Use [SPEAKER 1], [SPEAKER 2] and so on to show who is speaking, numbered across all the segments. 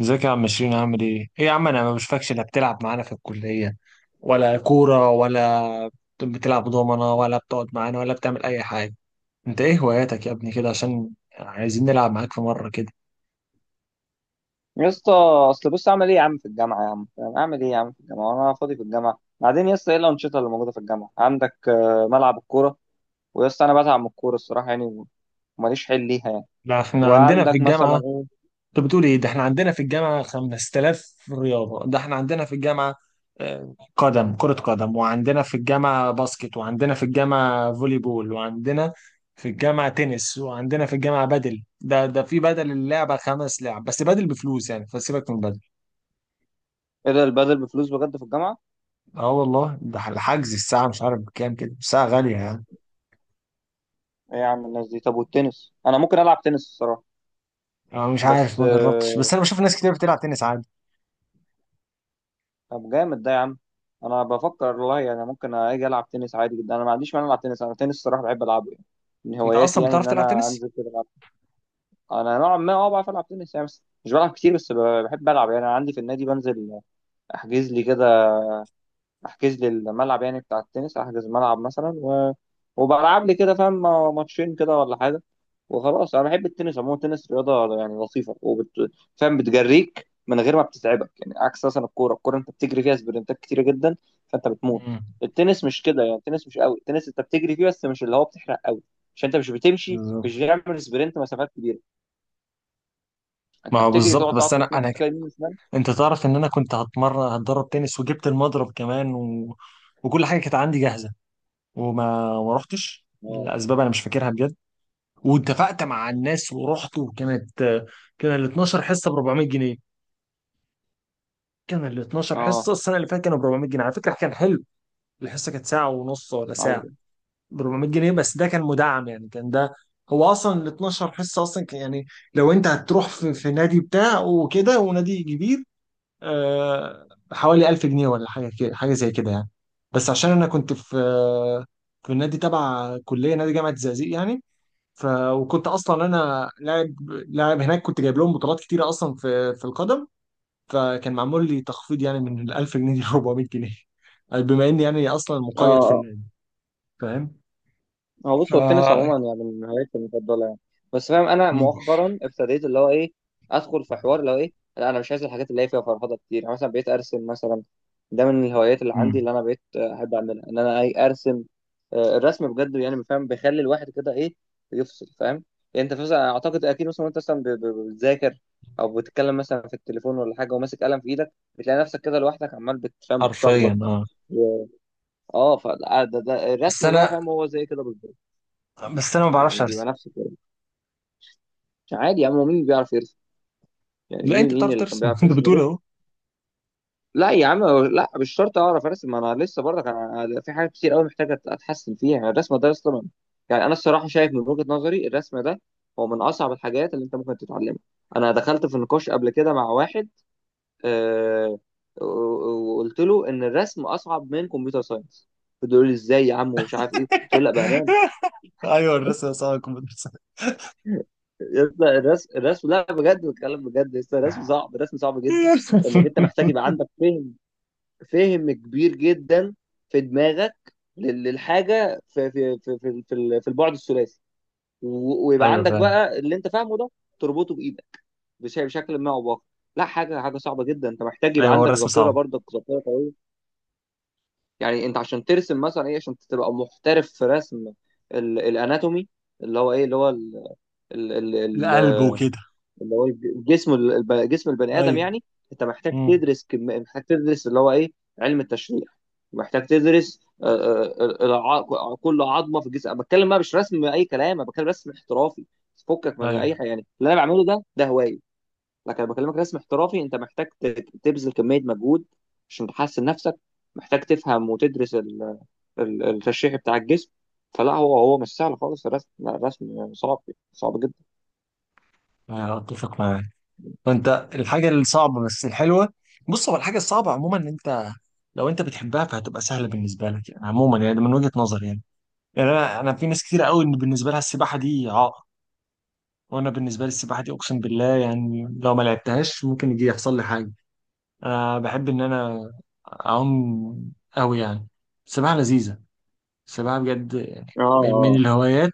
[SPEAKER 1] ازيك يا عم شيرين؟ عامل ايه؟ ايه يا عم انا ما بشوفكش، لا بتلعب معانا في الكلية ولا كورة ولا بتلعب دومنة ولا بتقعد معانا ولا بتعمل أي حاجة. انت ايه هواياتك يا ابني كده؟ عشان عايزين نلعب معاك في مرة كده.
[SPEAKER 2] يا اسطى، اصل بص اعمل ايه يا عم في الجامعه؟ يا عم فاهم؟ اعمل ايه يا عم في الجامعه وانا فاضي في الجامعه بعدين؟ يا اسطى ايه الانشطه اللي موجوده في الجامعه عندك؟ ملعب الكوره. ويا اسطى انا بتعب من الكوره الصراحه يعني، وماليش حل ليها يعني.
[SPEAKER 1] لا احنا عندنا في
[SPEAKER 2] وعندك مثلا
[SPEAKER 1] الجامعة.
[SPEAKER 2] ايه؟
[SPEAKER 1] انت بتقول ايه؟ ده احنا عندنا في الجامعه 5000 رياضه. ده احنا عندنا في الجامعه قدم، كره قدم، وعندنا في الجامعه باسكت، وعندنا في الجامعه فولي بول، وعندنا في الجامعه تنس، وعندنا في الجامعه بدل. ده في بدل. اللعبه خمس لعب بس، بدل بفلوس يعني، فسيبك من بدل.
[SPEAKER 2] ايه ده، البادل بفلوس بجد في الجامعه؟
[SPEAKER 1] اه والله، ده الحجز الساعه مش عارف بكام كده، الساعه غاليه يعني.
[SPEAKER 2] ايه يا عم الناس دي؟ طب والتنس انا ممكن العب تنس الصراحه.
[SPEAKER 1] اه مش عارف،
[SPEAKER 2] بس.
[SPEAKER 1] ما جربتش، بس انا بشوف ناس كتير بتلعب تنس عادي.
[SPEAKER 2] طب جامد ده يا عم. انا بفكر والله يعني، ممكن اجي العب تنس عادي جدا، انا ما عنديش مانع العب تنس. انا تنس الصراحه بحب العبه يعني، من
[SPEAKER 1] انت
[SPEAKER 2] هواياتي
[SPEAKER 1] اصلا
[SPEAKER 2] يعني
[SPEAKER 1] بتعرف
[SPEAKER 2] ان
[SPEAKER 1] تلعب
[SPEAKER 2] انا
[SPEAKER 1] تنس؟
[SPEAKER 2] انزل كده. انا نوعا ما بعرف العب تنس يعني، بس مش بلعب كتير، بس بحب العب يعني. انا عندي في النادي بنزل، احجز لي كده، احجز لي الملعب يعني بتاع التنس، احجز ملعب مثلا وبلعب لي كده فاهم، ماتشين كده ولا حاجه. وخلاص انا بحب التنس عموما. التنس رياضه يعني لطيفه فاهم، بتجريك من غير ما بتتعبك يعني، عكس مثلا الكوره. الكوره انت بتجري فيها سبرنتات كتيره جدا، فانت بتموت.
[SPEAKER 1] امم.
[SPEAKER 2] التنس مش كده يعني. التنس مش قوي. التنس انت بتجري فيه بس مش اللي هو بتحرق قوي، عشان انت مش بتمشي، مش
[SPEAKER 1] بالظبط.
[SPEAKER 2] بتعمل سبرنت مسافات كبيره.
[SPEAKER 1] ما
[SPEAKER 2] انت
[SPEAKER 1] هو
[SPEAKER 2] بتجري،
[SPEAKER 1] بالظبط،
[SPEAKER 2] تقعد
[SPEAKER 1] بس انا
[SPEAKER 2] تتنطط كده يمين وشمال.
[SPEAKER 1] انت تعرف ان انا كنت هتدرب تنس، وجبت المضرب كمان و... وكل حاجه كانت عندي جاهزه، وما ما رحتش
[SPEAKER 2] اه،
[SPEAKER 1] لاسباب انا مش فاكرها بجد. واتفقت مع الناس ورحت، وكانت، كان ال 12 حصه ب 400 جنيه. كان ال 12
[SPEAKER 2] اه،
[SPEAKER 1] حصه السنه اللي فاتت كانوا ب 400 جنيه، على فكره كان حلو. الحصه كانت ساعه ونص ولا ساعه،
[SPEAKER 2] ايوه،
[SPEAKER 1] ب 400 جنيه. بس ده كان مدعم يعني، كان ده، هو اصلا ال 12 حصه اصلا كان يعني، لو انت هتروح في نادي بتاع وكده، ونادي كبير، حوالي 1000 جنيه ولا حاجه كده، حاجه زي كده يعني. بس عشان انا كنت في، في النادي تبع كليه، نادي جامعه الزقازيق يعني. ف وكنت اصلا انا لاعب، لاعب هناك، كنت جايب لهم بطولات كتيره اصلا في القدم. فكان معمول لي تخفيض يعني، من ال 1000 جنيه ل 400 جنيه، بما اني يعني اصلا
[SPEAKER 2] اه،
[SPEAKER 1] مقيد في
[SPEAKER 2] آه.
[SPEAKER 1] النادي. فاهم.
[SPEAKER 2] هو
[SPEAKER 1] ف
[SPEAKER 2] بص، هو التنس عموما يعني من هواياتي المفضله يعني. بس فاهم، انا
[SPEAKER 1] مم.
[SPEAKER 2] مؤخرا ابتديت اللي هو ايه، ادخل في حوار اللي هو ايه، لا انا مش عايز الحاجات اللي هي فيها فرهضه كتير يعني، مثلا بقيت ارسم مثلا. ده من الهوايات اللي عندي،
[SPEAKER 1] مم.
[SPEAKER 2] اللي انا بقيت احب اعملها، ان انا اي ارسم. الرسم بجد يعني فاهم بيخلي الواحد كده ايه، يفصل فاهم. يعني انت فاهم اعتقد اكيد، مثلا وانت مثلا بتذاكر او بتتكلم مثلا في التليفون ولا حاجه، وماسك قلم في ايدك، بتلاقي نفسك كده لوحدك عمال بتفهم
[SPEAKER 1] حرفيا
[SPEAKER 2] بتشخبط.
[SPEAKER 1] اه.
[SPEAKER 2] اه، فده ده ده
[SPEAKER 1] بس
[SPEAKER 2] الرسم بقى
[SPEAKER 1] انا
[SPEAKER 2] فاهم، هو زي كده بالظبط
[SPEAKER 1] بس انا ما بعرفش
[SPEAKER 2] يعني، بيبقى
[SPEAKER 1] ارسم.
[SPEAKER 2] نفس الكلام. مش عادي يا عم، هو مين بيعرف يرسم؟ يعني
[SPEAKER 1] لا
[SPEAKER 2] مين
[SPEAKER 1] انت
[SPEAKER 2] مين
[SPEAKER 1] بتعرف
[SPEAKER 2] اللي كان
[SPEAKER 1] ترسم
[SPEAKER 2] بيعرف
[SPEAKER 1] انت
[SPEAKER 2] يرسم
[SPEAKER 1] بتقول
[SPEAKER 2] بس؟
[SPEAKER 1] اهو.
[SPEAKER 2] لا يا عم، لا مش شرط اعرف ارسم. ما انا لسه برضك، انا في حاجات كتير قوي محتاج اتحسن فيها يعني. الرسم ده اصلا يعني، انا الصراحه شايف من وجهه نظري الرسم ده هو من اصعب الحاجات اللي انت ممكن تتعلمها. انا دخلت في نقاش قبل كده مع واحد، آه وقلت له ان الرسم اصعب من كمبيوتر ساينس. فضل يقول لي ازاي يا عم ومش عارف ايه، قلت له لا، بامان.
[SPEAKER 1] ايوه، الرسم صعب، الكمبيوتر.
[SPEAKER 2] يا اسطى الرسم لا بجد، بتكلم بجد يا اسطى. الرسم صعب، الرسم صعب جدا. انك انت محتاج يبقى عندك فهم، فهم كبير جدا في دماغك للحاجه في البعد الثلاثي، ويبقى
[SPEAKER 1] ايوه
[SPEAKER 2] عندك
[SPEAKER 1] فعلا.
[SPEAKER 2] بقى اللي انت فاهمه ده تربطه بايدك بشكل ما او باخر. لا، حاجه صعبه جدا. انت محتاج يبقى
[SPEAKER 1] ايوه، هو
[SPEAKER 2] عندك
[SPEAKER 1] الرسم
[SPEAKER 2] ذاكره
[SPEAKER 1] صعب.
[SPEAKER 2] برضك، ذاكره قويه. يعني انت عشان ترسم مثلا ايه، عشان تبقى محترف في رسم الاناتومي، اللي هو ايه، اللي هو ال- ال-
[SPEAKER 1] القلب وكده.
[SPEAKER 2] اللي هو جسم جسم البني ادم
[SPEAKER 1] ايوه.
[SPEAKER 2] يعني، انت محتاج
[SPEAKER 1] امم.
[SPEAKER 2] تدرس محتاج تدرس اللي هو ايه، علم التشريح. محتاج تدرس كل عظمه في الجسم. أنا بتكلم بقى مش رسم اي كلام، انا بتكلم رسم احترافي. فكك من اي
[SPEAKER 1] ايوه.
[SPEAKER 2] حاجه، يعني اللي انا بعمله ده هوايه. لكن انا بكلمك رسم احترافي، انت محتاج تبذل كميه مجهود عشان تحسن نفسك. محتاج تفهم وتدرس التشريح بتاع الجسم. فلا، هو مش سهل خالص الرسم، لا. الرسم صعب، صعب جدا.
[SPEAKER 1] أيوة، اتفق معاك. فانت، الحاجه الصعبه بس الحلوه. بص، هو الحاجه الصعبه عموما ان انت، لو انت بتحبها فهتبقى سهله بالنسبه لك يعني، عموما يعني، ده من وجهه نظري يعني. يعني انا في ناس كتير قوي ان بالنسبه لها السباحه دي عائق، وانا بالنسبه لي السباحه دي اقسم بالله يعني، لو ما لعبتهاش ممكن يجي يحصل لي حاجه. انا بحب ان انا اعوم قوي يعني. السباحه لذيذه. السباحه بجد يعني، من
[SPEAKER 2] اه،
[SPEAKER 1] الهوايات،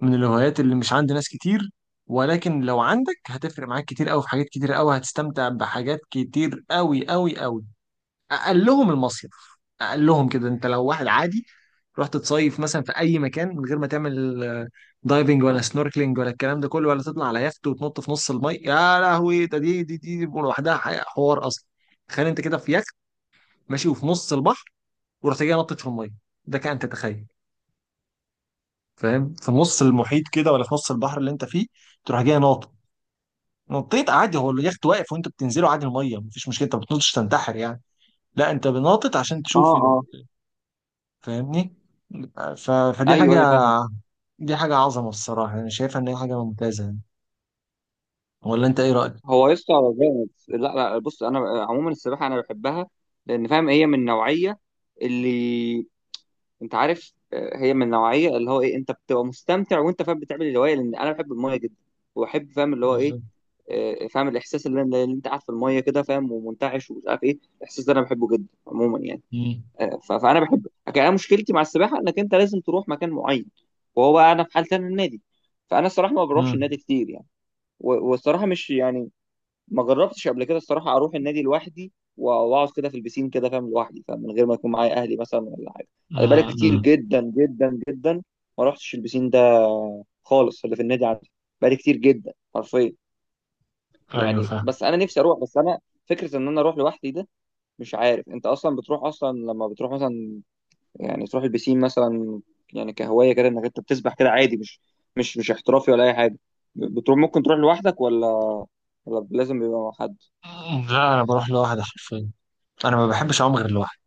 [SPEAKER 1] من الهوايات اللي مش عند ناس كتير. ولكن لو عندك هتفرق معاك كتير قوي، في حاجات كتير قوي هتستمتع بحاجات كتير قوي قوي قوي. اقلهم المصيف. اقلهم كده، انت لو واحد عادي رحت تصيف مثلا في اي مكان، من غير ما تعمل دايفنج ولا سنوركلينج ولا الكلام ده كله، ولا تطلع على يخت وتنط في نص المي، يا لهوي، ده دي دي دي, دي لوحدها حوار اصلا. تخيل انت كده في يخت ماشي وفي نص البحر، ورحت جاي نطت في الميه، ده كان تتخيل. فاهم، في نص المحيط كده، ولا في نص البحر اللي انت فيه تروح جاي ناطط. نطيت عادي، هو اليخت واقف وانت بتنزله عادي الميه، مفيش مشكله، انت ما بتنطش تنتحر يعني. لا انت بناطط عشان
[SPEAKER 2] اه،
[SPEAKER 1] تشوف
[SPEAKER 2] اه،
[SPEAKER 1] فاهمني. فدي
[SPEAKER 2] ايوه،
[SPEAKER 1] حاجه،
[SPEAKER 2] ايوه فاهم.
[SPEAKER 1] دي حاجه عظمه الصراحه، انا شايفها ان هي حاجه ممتازه يعني. ولا انت ايه رايك؟
[SPEAKER 2] هو يسطا جامد. لا لا، بص انا عموما السباحه انا بحبها، لان فاهم هي من النوعيه اللي انت عارف، هي من النوعيه، اللي هو ايه انت بتبقى مستمتع وانت فاهم بتعمل الهوايه، لان انا بحب المايه جدا، وبحب فاهم اللي هو ايه.
[SPEAKER 1] بالظبط.
[SPEAKER 2] فاهم الاحساس اللي انت قاعد في المايه كده، فاهم ومنتعش ومش عارف ايه، الاحساس ده انا بحبه جدا عموما يعني.
[SPEAKER 1] مم.
[SPEAKER 2] فانا بحب. لكن انا مشكلتي مع السباحه انك انت لازم تروح مكان معين، وهو بقى انا في حالتي انا النادي، فانا الصراحه ما بروحش
[SPEAKER 1] مم.
[SPEAKER 2] النادي كتير يعني. والصراحه مش يعني، ما جربتش قبل كده الصراحه اروح النادي لوحدي واقعد كده في البسين كده فاهم، لوحدي فاهم، من غير ما يكون معايا اهلي مثلا ولا حاجه.
[SPEAKER 1] مم.
[SPEAKER 2] انا بقالي كتير
[SPEAKER 1] مم.
[SPEAKER 2] جدا جدا جدا ما رحتش البسين ده خالص، اللي في النادي عندي، بقالي كتير جدا حرفيا.
[SPEAKER 1] ايوه
[SPEAKER 2] يعني
[SPEAKER 1] فاهم.
[SPEAKER 2] بس انا نفسي اروح. بس انا فكره ان انا اروح لوحدي ده، مش عارف. انت اصلا بتروح اصلا، لما بتروح مثلا يعني تروح البسين مثلا، يعني كهوايه كده انك انت بتسبح كده عادي، مش احترافي ولا اي حاجه، بتروح ممكن تروح لوحدك ولا لازم يبقى مع حد؟
[SPEAKER 1] لا انا بروح لوحدي حرفيا، انا ما بحبش اعوم غير لوحدي.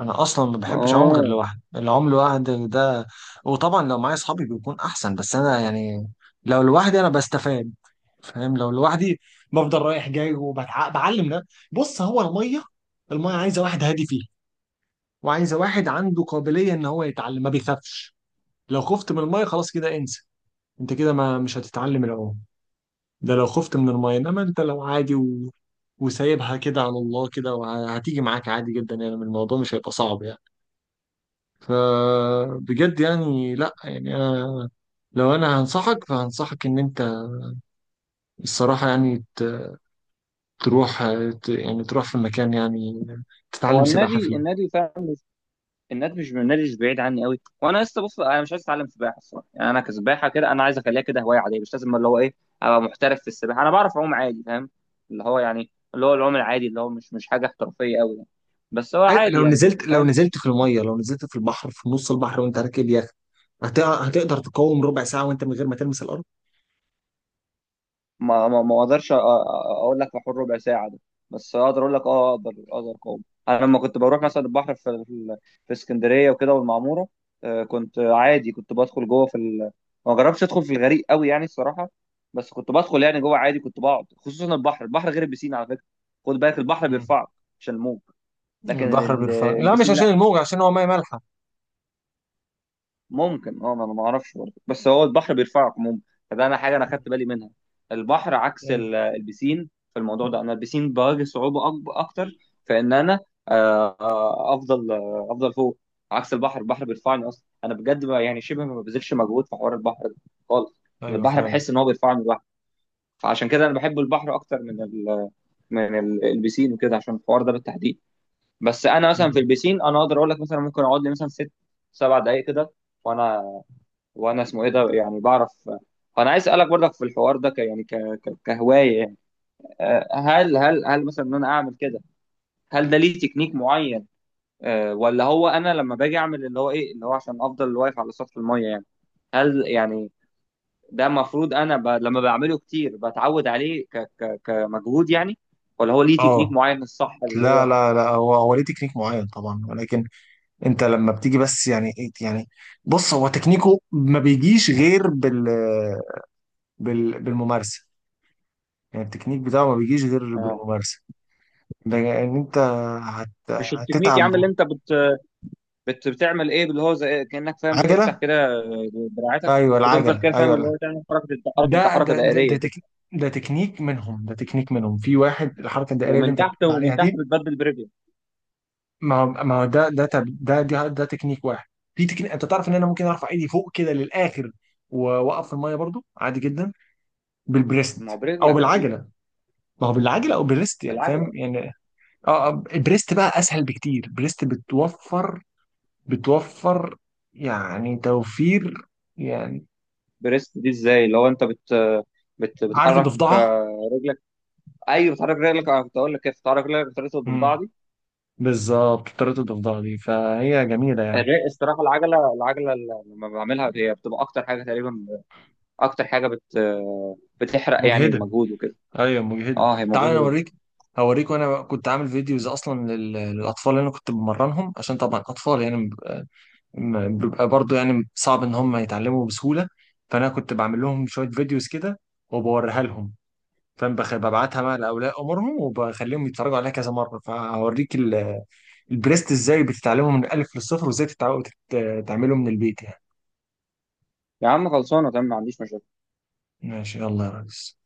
[SPEAKER 1] انا اصلا ما بحبش اعوم غير
[SPEAKER 2] اه،
[SPEAKER 1] لوحدي، العوم لوحدي ده، وطبعا لو معايا اصحابي بيكون احسن، بس انا يعني لو لوحدي انا بستفاد، فاهم، لو لوحدي بفضل رايح جاي وبتعلم ده. بص، هو الميه، الميه عايزه واحد هادي فيه، وعايزه واحد عنده قابليه ان هو يتعلم، ما بيخافش. لو خفت من الميه خلاص كده، انسى، انت كده ما مش هتتعلم العوم. ده لو خفت من الميه، انما انت لو عادي و... وسايبها كده على الله كده، وهتيجي معاك عادي جدا يعني، الموضوع مش هيبقى صعب يعني. فبجد يعني، لا يعني انا، لو انا هنصحك، فهنصحك ان انت الصراحه يعني تروح، يعني تروح في مكان يعني
[SPEAKER 2] هو
[SPEAKER 1] تتعلم سباحه
[SPEAKER 2] النادي
[SPEAKER 1] فيه.
[SPEAKER 2] النادي فعلا مش النادي مش النادي مش بعيد عني قوي، وانا لسه بص انا مش عايز اتعلم سباحه الصراحه يعني. انا كسباحه كده انا عايز اخليها كده هوايه عاديه، مش لازم اللي هو ايه ابقى محترف في السباحه. انا بعرف اعوم عادي فاهم، اللي هو يعني اللي هو العوم العادي، اللي هو مش حاجه احترافيه قوي يعني، بس هو
[SPEAKER 1] أيوة،
[SPEAKER 2] عادي يعني
[SPEAKER 1] لو
[SPEAKER 2] فاهم.
[SPEAKER 1] نزلت في الميه، لو نزلت في البحر، في نص البحر وانت راكب يخت، هتقدر تقاوم ربع ساعه وانت من غير ما تلمس الارض؟
[SPEAKER 2] ما اقدرش اقول لك في حوار ربع ساعه ده، بس اقدر اقول لك، اه، اقدر اقاوم. انا لما كنت بروح مثلا البحر في اسكندريه وكده والمعموره، كنت عادي، كنت بدخل جوه في ما جربتش ادخل في الغريق قوي يعني الصراحه، بس كنت بدخل يعني جوه عادي، كنت بقعد. خصوصا البحر، البحر غير البسين على فكره. خد بالك، البحر
[SPEAKER 1] مم.
[SPEAKER 2] بيرفعك عشان الموج. لكن
[SPEAKER 1] البحر بيرفع لا، مش
[SPEAKER 2] البسين
[SPEAKER 1] عشان الموجة، عشان هو مية مالحة.
[SPEAKER 2] ممكن اه، ما انا ما اعرفش برضه، بس هو البحر بيرفعك عموما. فده انا حاجه انا خدت بالي منها. البحر عكس
[SPEAKER 1] ايوه
[SPEAKER 2] البسين في الموضوع ده، انا البسين بواجه صعوبه اكتر في ان انا، افضل، افضل فوق، عكس البحر. البحر بيرفعني اصلا انا بجد، يعني شبه ما ببذلش مجهود في حوار البحر ده خالص.
[SPEAKER 1] ايوه
[SPEAKER 2] البحر
[SPEAKER 1] فعلا.
[SPEAKER 2] بحس ان هو بيرفعني لوحده، فعشان كده انا بحب البحر اكتر من ال البسين وكده، عشان الحوار ده بالتحديد. بس انا مثلا
[SPEAKER 1] مم.
[SPEAKER 2] في البسين انا اقدر اقول لك، مثلا ممكن اقعد لي مثلا ست سبع دقائق كده، وانا وانا اسمه ايه ده يعني بعرف. فانا عايز اسالك برضك في الحوار ده، ك يعني ك... ك... كهوايه يعني، هل مثلا ان انا اعمل كده، هل ده ليه تكنيك معين؟ ولا هو انا لما باجي اعمل اللي هو ايه، اللي هو عشان افضل واقف على سطح الميه يعني، هل يعني ده المفروض انا لما بعمله كتير بتعود عليه كمجهود يعني، ولا هو ليه تكنيك
[SPEAKER 1] اه.
[SPEAKER 2] معين الصح اللي
[SPEAKER 1] لا
[SPEAKER 2] هو؟
[SPEAKER 1] لا لا، هو ليه تكنيك معين طبعا، ولكن انت لما بتيجي، بس يعني ايه يعني، بص هو تكنيكه ما بيجيش غير بال، بالممارسه، يعني التكنيك بتاعه ما بيجيش غير
[SPEAKER 2] آه.
[SPEAKER 1] بالممارسه. ده ان انت
[SPEAKER 2] مش التكنيك يا عم
[SPEAKER 1] هتتعب.
[SPEAKER 2] اللي انت بت... بت بتعمل ايه، اللي هو زي إيه، كانك فاهم بتفتح
[SPEAKER 1] عجله.
[SPEAKER 2] كده دراعتك،
[SPEAKER 1] ايوه
[SPEAKER 2] وتفضل
[SPEAKER 1] العجله،
[SPEAKER 2] كده فاهم،
[SPEAKER 1] ايوه
[SPEAKER 2] اللي
[SPEAKER 1] لا.
[SPEAKER 2] هو تعمل
[SPEAKER 1] ده
[SPEAKER 2] حركه
[SPEAKER 1] ده ده ده,
[SPEAKER 2] دائريه
[SPEAKER 1] تك...
[SPEAKER 2] كده،
[SPEAKER 1] ده تكنيك منهم، ده تكنيك منهم، في واحد الحركه الدائريه اللي
[SPEAKER 2] ومن
[SPEAKER 1] انت
[SPEAKER 2] تحت،
[SPEAKER 1] بتقول عليها
[SPEAKER 2] ومن تحت
[SPEAKER 1] دي.
[SPEAKER 2] بتبدل برجلك.
[SPEAKER 1] ما هو ده ده تب- ده ده, ده تكنيك واحد. في تكنيك انت تعرف ان انا ممكن ارفع ايدي فوق كده للاخر واوقف في الميه برضو عادي جدا،
[SPEAKER 2] ما هو
[SPEAKER 1] بالبريست او
[SPEAKER 2] برجلك اكيد،
[SPEAKER 1] بالعجله. ما هو بالعجل او بالريست يعني، فاهم
[SPEAKER 2] بالعجله.
[SPEAKER 1] يعني. اه، البريست بقى اسهل بكتير، البريست بتوفر، بتوفر، يعني توفير يعني.
[SPEAKER 2] بريست دي ازاي؟ اللي هو انت بت
[SPEAKER 1] عارف
[SPEAKER 2] بتحرك
[SPEAKER 1] الضفدعه؟
[SPEAKER 2] رجلك. ايوه بتحرك رجلك، انا كنت اقول لك كيف بتحرك رجلك بطريقه
[SPEAKER 1] امم.
[SPEAKER 2] الضفدعه دي.
[SPEAKER 1] بالظبط، طريقه الضفدعه دي فهي جميله يعني.
[SPEAKER 2] الصراحه، العجله لما بعملها هي بتبقى اكتر حاجه تقريبا، اكتر حاجه بتحرق يعني
[SPEAKER 1] مجهده.
[SPEAKER 2] المجهود وكده.
[SPEAKER 1] ايوه مجهده.
[SPEAKER 2] اه هي
[SPEAKER 1] تعال انا
[SPEAKER 2] مجهود.
[SPEAKER 1] اوريك، هوريك، وانا كنت عامل فيديوز اصلا للاطفال اللي انا كنت بمرنهم، عشان طبعا اطفال يعني بيبقى، بيبقى برضه يعني صعب ان هم يتعلموا بسهوله، فانا كنت بعمل لهم شويه فيديوز كده وبوريها لهم. فاهم، ببعتها بقى لاولياء امورهم وبخليهم يتفرجوا عليها كذا مره، فهوريك البريست ازاي بتتعلمه من الالف للصفر، وازاي تعمله من البيت يعني.
[SPEAKER 2] يا عم خلصانه تمام، ما عنديش مشاكل.
[SPEAKER 1] ماشي، يلا يا ريس.